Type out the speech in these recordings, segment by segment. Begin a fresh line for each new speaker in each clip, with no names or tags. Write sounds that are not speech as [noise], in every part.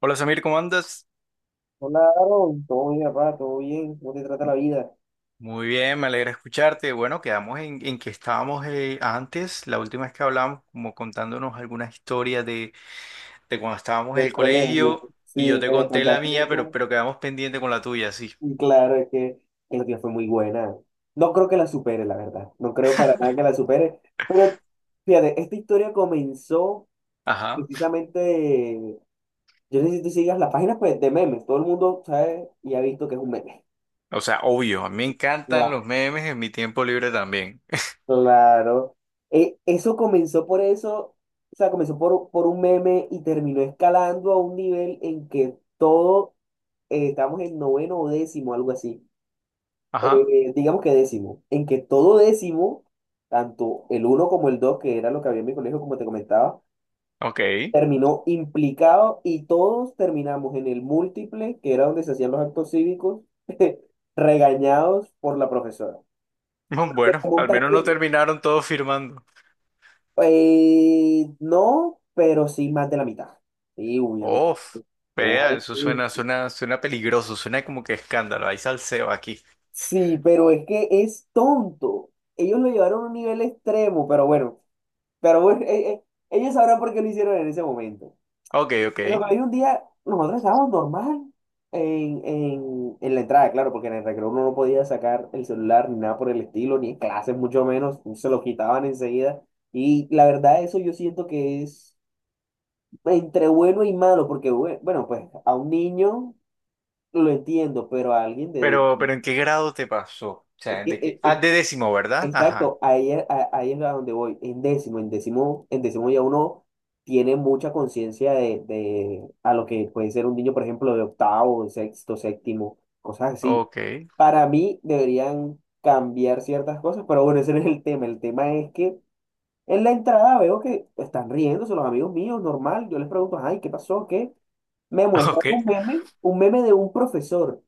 Hola Samir, ¿cómo andas?
Hola, Aaron. Todo bien, papá, todo bien. ¿Cómo te trata la vida
Muy bien, me alegra escucharte. Bueno, quedamos en que estábamos antes, la última vez que hablamos, como contándonos algunas historias de cuando estábamos en el
del colegio?
colegio y yo
Sí,
te
que me
conté la
contaste
mía, pero,
esa.
pero quedamos pendiente con la tuya, sí.
Y claro, es que el día fue muy buena. No creo que la supere, la verdad. No creo para nada que la supere. Pero fíjate, esta historia comenzó
Ajá.
precisamente. Yo no sé si tú sigas las páginas, pues, de memes. Todo el mundo sabe y ha visto que es un meme.
O sea, obvio, a mí me encantan
Claro.
los memes en mi tiempo libre también.
Claro. Eso comenzó por eso. O sea, comenzó por un meme y terminó escalando a un nivel en que todo estábamos en noveno o décimo, algo así.
[laughs] Ajá,
Digamos que décimo, en que todo décimo, tanto el uno como el dos, que era lo que había en mi colegio, como te comentaba,
ok.
terminó implicado y todos terminamos en el múltiple, que era donde se hacían los actos cívicos, [laughs] regañados por la profesora.
[laughs]
Se
Bueno, al
pregunta
menos no
que
terminaron todos firmando.
no, pero sí más de la mitad. Sí, uy, uy,
Uf, vea, eso suena,
uy.
suena, suena peligroso, suena como que escándalo, hay salseo aquí.
Sí, pero es que es tonto. Ellos lo llevaron a un nivel extremo, pero bueno, pero bueno, ellos sabrán por qué lo hicieron en ese momento.
Ok, ok.
Pero hay un día, nosotros estábamos normal en la entrada, claro, porque en el recreo uno no podía sacar el celular ni nada por el estilo, ni en clases mucho menos, se lo quitaban enseguida. Y la verdad, eso yo siento que es entre bueno y malo, porque bueno, pues a un niño lo entiendo, pero a alguien de...
Pero ¿en qué grado te pasó? O
Es
sea,
que,
¿de qué? Ah,
es-
de décimo, ¿verdad? Ajá.
Exacto, ahí, ahí es a donde voy. En décimo ya uno tiene mucha conciencia de a lo que puede ser un niño, por ejemplo, de octavo, sexto, séptimo, cosas así.
Ok,
Para mí deberían cambiar ciertas cosas, pero bueno, ese no es el tema. El tema es que en la entrada veo que están riéndose los amigos míos, normal. Yo les pregunto, ay, ¿qué pasó? ¿Qué? Me
[laughs]
muestran
ok.
un meme de un profesor.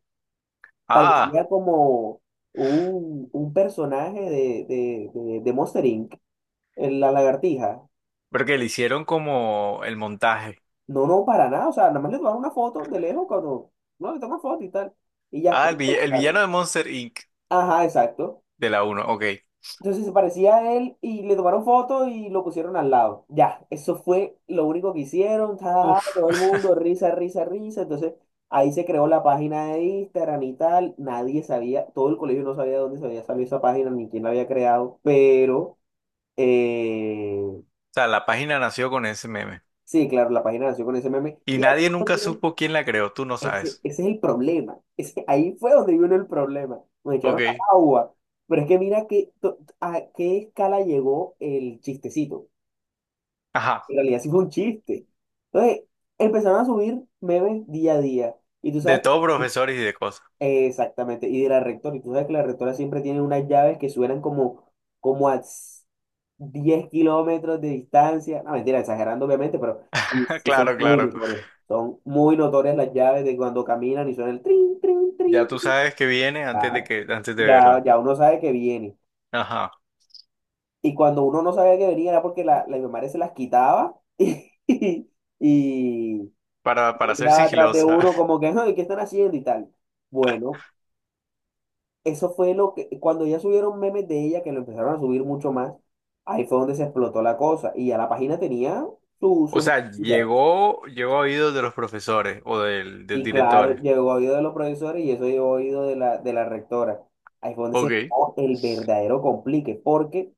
Ah,
Parecía como un personaje de Monster Inc., la lagartija.
porque le hicieron como el montaje.
No, no, para nada. O sea, nada más le tomaron una foto de lejos cuando no le toman foto y tal. Y ya,
Ah,
punto,
el
claro.
villano de Monster Inc.
Ajá, exacto.
de la uno. Ok.
Entonces se parecía a él y le tomaron foto y lo pusieron al lado. Ya, eso fue lo único que hicieron. Ja, ja, ja,
Uf.
todo el
[laughs]
mundo, risa, risa, risa. Entonces ahí se creó la página de Instagram y tal. Nadie sabía, todo el colegio no sabía de dónde se había salido esa página ni quién la había creado. Pero. Eh,
O sea, la página nació con ese meme.
sí, claro, la página nació con ese meme.
Y
Y a
nadie
los
nunca
días,
supo quién la creó, tú no sabes.
ese es el problema. Ahí fue donde vino el problema. Nos
Ok.
echaron al agua. Pero es que mira que, a qué escala llegó el chistecito.
Ajá.
En realidad sí fue un chiste. Entonces, empezaron a subir memes día a día. Y tú
De
sabes,
todo profesores y de cosas.
exactamente, y de la rectora. Y tú sabes que la rectora siempre tiene unas llaves que suenan como a 10 kilómetros de distancia. No, mentira, exagerando obviamente, pero sí,
[laughs]
sí son
Claro,
muy
claro.
notorias. Son muy notorias las llaves de cuando caminan y suena el trin, trin, trin,
Ya tú
trin.
sabes que viene antes de
Claro.
que, antes de
Ya,
verla.
ya uno sabe que viene.
Ajá.
Y cuando uno no sabía que venía era porque la mi madre se las quitaba [laughs] y, y
Para ser
llegaba atrás de
sigilosa.
uno como que, "Ay, ¿qué están haciendo?" y tal. Bueno, eso fue lo que, cuando ya subieron memes de ella, que lo empezaron a subir mucho más, ahí fue donde se explotó la cosa. Y ya la página tenía
O
sus
sea,
estrellitas.
llegó, llegó a oídos de los profesores o del, de los
Sí, claro,
directores.
llegó a oído de los profesores y eso llegó a oído de la rectora. Ahí fue donde se
Ok,
formó el verdadero complique, porque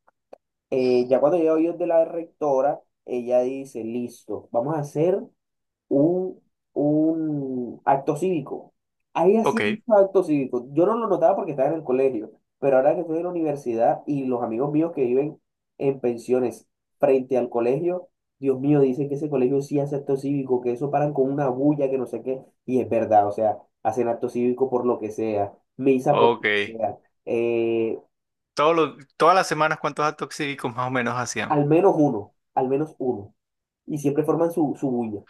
ya cuando llegó a oído de la rectora, ella dice, listo, vamos a hacer un, un acto cívico. Ahí hacía
ok,
muchos actos cívicos. Yo no lo notaba porque estaba en el colegio, pero ahora que estoy en la universidad y los amigos míos que viven en pensiones frente al colegio, Dios mío, dicen que ese colegio sí hace acto cívico, que eso paran con una bulla, que no sé qué, y es verdad, o sea, hacen acto cívico por lo que sea, misa por lo
ok.
que sea, eh,
Todos los- todas las semanas, ¿cuántos actos cívicos más o menos hacían?
al menos uno, y siempre forman su bulla.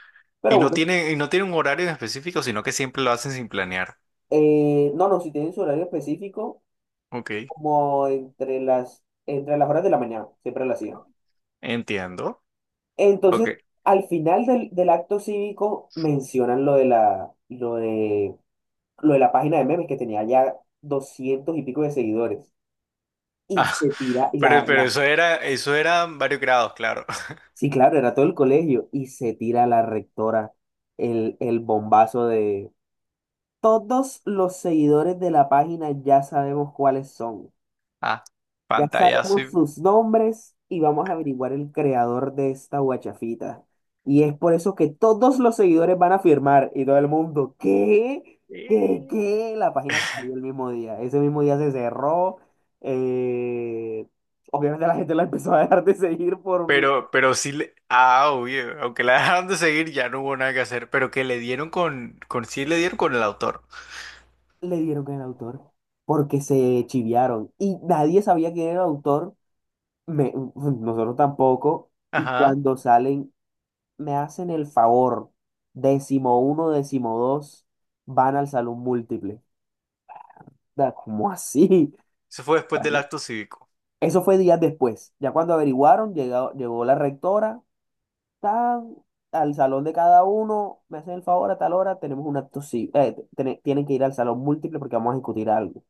Pero bueno.
Y no tienen un horario en específico, sino que siempre lo hacen sin planear.
No, no, si tienen su horario específico,
Ok,
como entre las horas de la mañana, siempre lo hacían.
entiendo. Ok.
Entonces, al final del acto cívico mencionan lo de la página de memes que tenía ya 200 y pico de seguidores. Y
Ah,
se tira,
[laughs] pero eso era, eso eran varios grados, claro. [laughs]
sí, claro, era todo el colegio, y se tira a la rectora el bombazo de todos los seguidores de la página. Ya sabemos cuáles son.
Ah,
Ya
pantallazo
sabemos
y...
sus nombres y vamos a averiguar el creador de esta guachafita. Y es por eso que todos los seguidores van a firmar y todo el mundo, ¿qué? ¿Qué?
Eh.
¿Qué? La página se cayó el mismo día. Ese mismo día se cerró. Eh, Obviamente la gente la empezó a dejar de seguir por mí.
Pero sí le... Ah, obvio, aunque la dejaron de seguir ya no hubo nada que hacer, pero que le dieron con sí le dieron con el autor.
Le dieron con el autor porque se chiviaron y nadie sabía quién era el autor. Nosotros tampoco. Y
Ajá.
cuando salen me hacen el favor, décimo uno, décimo dos, van al salón múltiple. Da, ¿cómo así?
Eso fue después del
Bueno,
acto cívico.
eso fue días después. Ya cuando averiguaron, llegado llegó la rectora, tan, al salón de cada uno, me hacen el favor a tal hora, tenemos un acto, sí, tienen que ir al salón múltiple porque vamos a discutir algo.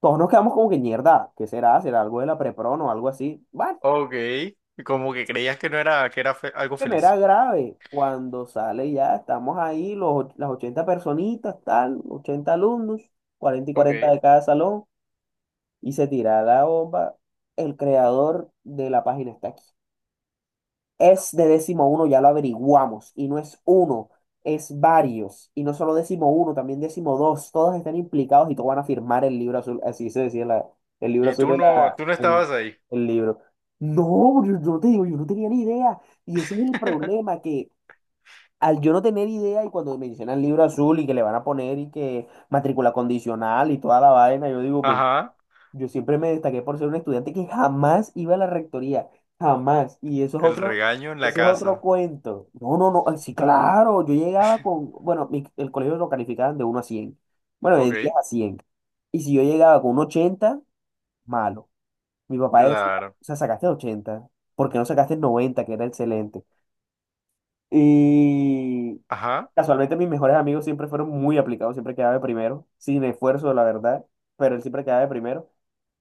Todos nos quedamos como que mierda, ¿qué será? ¿Será algo de la prepron o algo así? Bueno,
Ok, como que creías que no era, que era fe- algo
que no era
feliz.
grave. Cuando sale ya, estamos ahí, las 80 personitas, tal, 80 alumnos, 40 y 40
Ok.
de cada salón, y se tira la bomba. El creador de la página está aquí. Es de décimo uno, ya lo averiguamos, y no es uno, es varios, y no solo décimo uno, también décimo dos, todos están implicados y todos van a firmar el libro azul, así se decía el libro
Y
azul, era
tú no estabas ahí.
el libro. No, yo no te digo, yo no tenía ni idea. Y ese es el
[laughs]
problema, que al yo no tener idea y cuando mencionan libro azul y que le van a poner y que matrícula condicional y toda la vaina, yo digo, ven,
Ajá.
yo siempre me destaqué por ser un estudiante que jamás iba a la rectoría, jamás. Y
El regaño en la
eso es otro
casa.
cuento. No, no, no, ay, sí, claro, yo llegaba con, bueno, el colegio lo calificaban de uno a 100, bueno, de
Ok.
10 a 100. Y si yo llegaba con un 80, malo. Mi papá decía,
Claro.
o sea, sacaste 80, ¿por qué no sacaste 90 que era excelente? Y
Ajá.
casualmente mis mejores amigos siempre fueron muy aplicados, siempre quedaba de primero, sin esfuerzo, la verdad, pero él siempre quedaba de primero.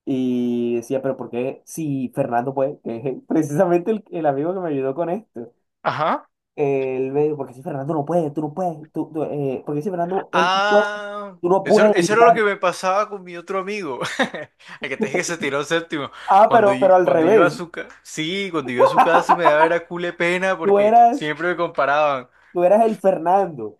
Y decía, pero ¿por qué si Fernando puede? Que es [laughs] precisamente el amigo que me ayudó con esto.
Ajá.
Él me dijo, ¿por qué si Fernando no puede? Tú no puedes. ¿Por qué si Fernando, él sí puede?
Ah,
Tú no
eso,
puedes
eso
y
era lo que
tal.
me pasaba con mi otro amigo. [laughs] El que te dije que se tiró séptimo.
Ah,
Cuando, y-
pero al
cuando iba a
revés.
su casa. Sí, cuando iba a su casa me daba era cule pena
Tú
porque
eras,
siempre me comparaban.
tú eras el Fernando.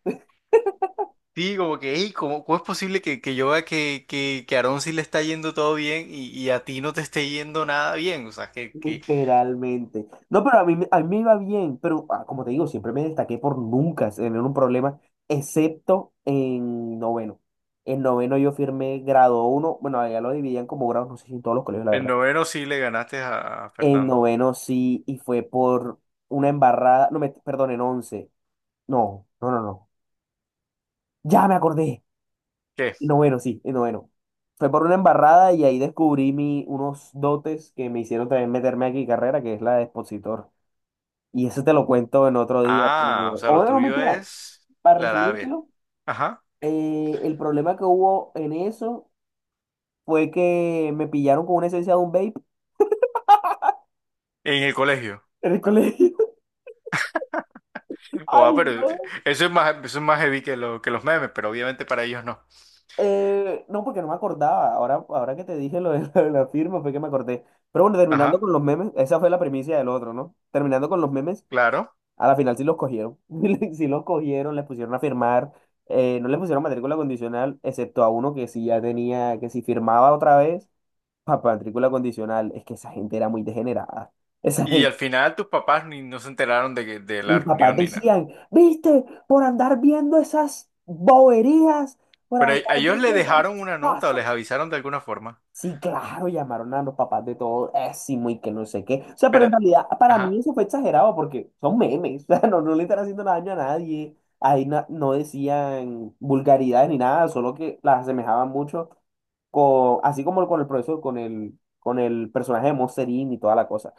Sí, como que, hey, ¿cómo, cómo es posible que yo vea que a Aarón sí le está yendo todo bien y a ti no te esté yendo nada bien? O sea, que
Literalmente. No, pero a mí, a mí me iba bien, pero ah, como te digo, siempre me destaqué por nunca tener un problema, excepto en noveno. En noveno yo firmé grado uno, bueno, allá lo dividían como grados, no sé si en todos los colegios, la
en
verdad.
noveno sí le ganaste a
En
Fernando.
noveno sí, y fue por una embarrada, no, me, perdón, en once. No, no, no, no. Ya me acordé.
¿Qué?
En noveno, sí, en noveno. Fue por una embarrada y ahí descubrí unos dotes que me hicieron también meterme aquí carrera, que es la de expositor. Y eso te lo cuento en otro día,
Ah, o
pero...
sea,
O
lo
bueno, no,
tuyo
mentira.
es
Para
la labia.
resumírtelo,
Ajá.
el problema que hubo en eso fue que me pillaron con una esencia de un vape
En el colegio.
en el colegio. [laughs]
Oh,
Ay,
ah, pero
no.
eso es más heavy que los memes, pero obviamente para ellos no.
No, porque no me acordaba. Ahora que te dije lo de, [laughs] lo de la firma fue que me acordé. Pero bueno, terminando
Ajá,
con los memes, esa fue la primicia del otro, ¿no? Terminando con los memes,
claro.
a la final sí los cogieron. [laughs] Sí los cogieron, les pusieron a firmar. No les pusieron matrícula condicional, excepto a uno que sí ya tenía, que si firmaba otra vez a matrícula condicional, es que esa gente era muy degenerada. Esa
Y
gente,
al final tus papás ni no se enteraron de, que- de la
mis papás
reunión ni nada.
decían, viste, por andar viendo esas boberías, por
Pero
andar
a ellos le
viendo
dejaron
esas
una nota o les
cosas.
avisaron de alguna forma.
Sí, claro, llamaron a los papás de todo,ésimo y que no sé qué. O sea, pero en
Espérate.
realidad para mí
Ajá.
eso fue exagerado porque son memes, [laughs] o sea, no, no le están haciendo daño a nadie. Ahí no decían vulgaridades ni nada, solo que las asemejaban mucho con, así como con el profesor, con el personaje de Monster Inc. y toda la cosa.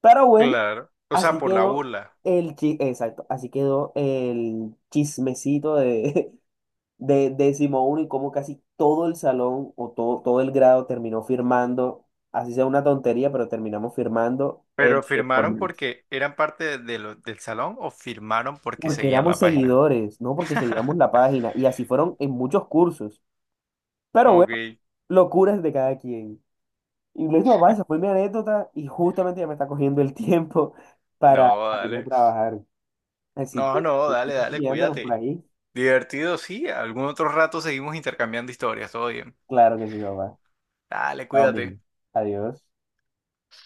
Pero bueno,
Claro. O sea,
así
por la
quedó
burla.
exacto, así quedó el chismecito de, [laughs] de décimo uno y cómo casi todo el salón o todo el grado terminó firmando, así sea una tontería, pero terminamos firmando
Pero
por
firmaron
memes.
porque eran parte de lo- del salón o firmaron porque
Porque
seguían
éramos
la página.
seguidores, no porque seguíamos la
[laughs]
página, y así fueron en muchos cursos. Pero bueno,
Ok.
locuras de cada quien. Y lo papá, esa fue mi anécdota, y justamente ya me está cogiendo el tiempo [laughs] para,
No,
ir a
dale.
trabajar. Así
No,
que,
no,
que
dale,
estamos
dale,
guiándonos por
cuídate.
ahí.
Divertido, sí. Algún otro rato seguimos intercambiando historias, todo bien.
Claro que sí, papá.
Dale,
Estamos viendo.
cuídate.
Adiós.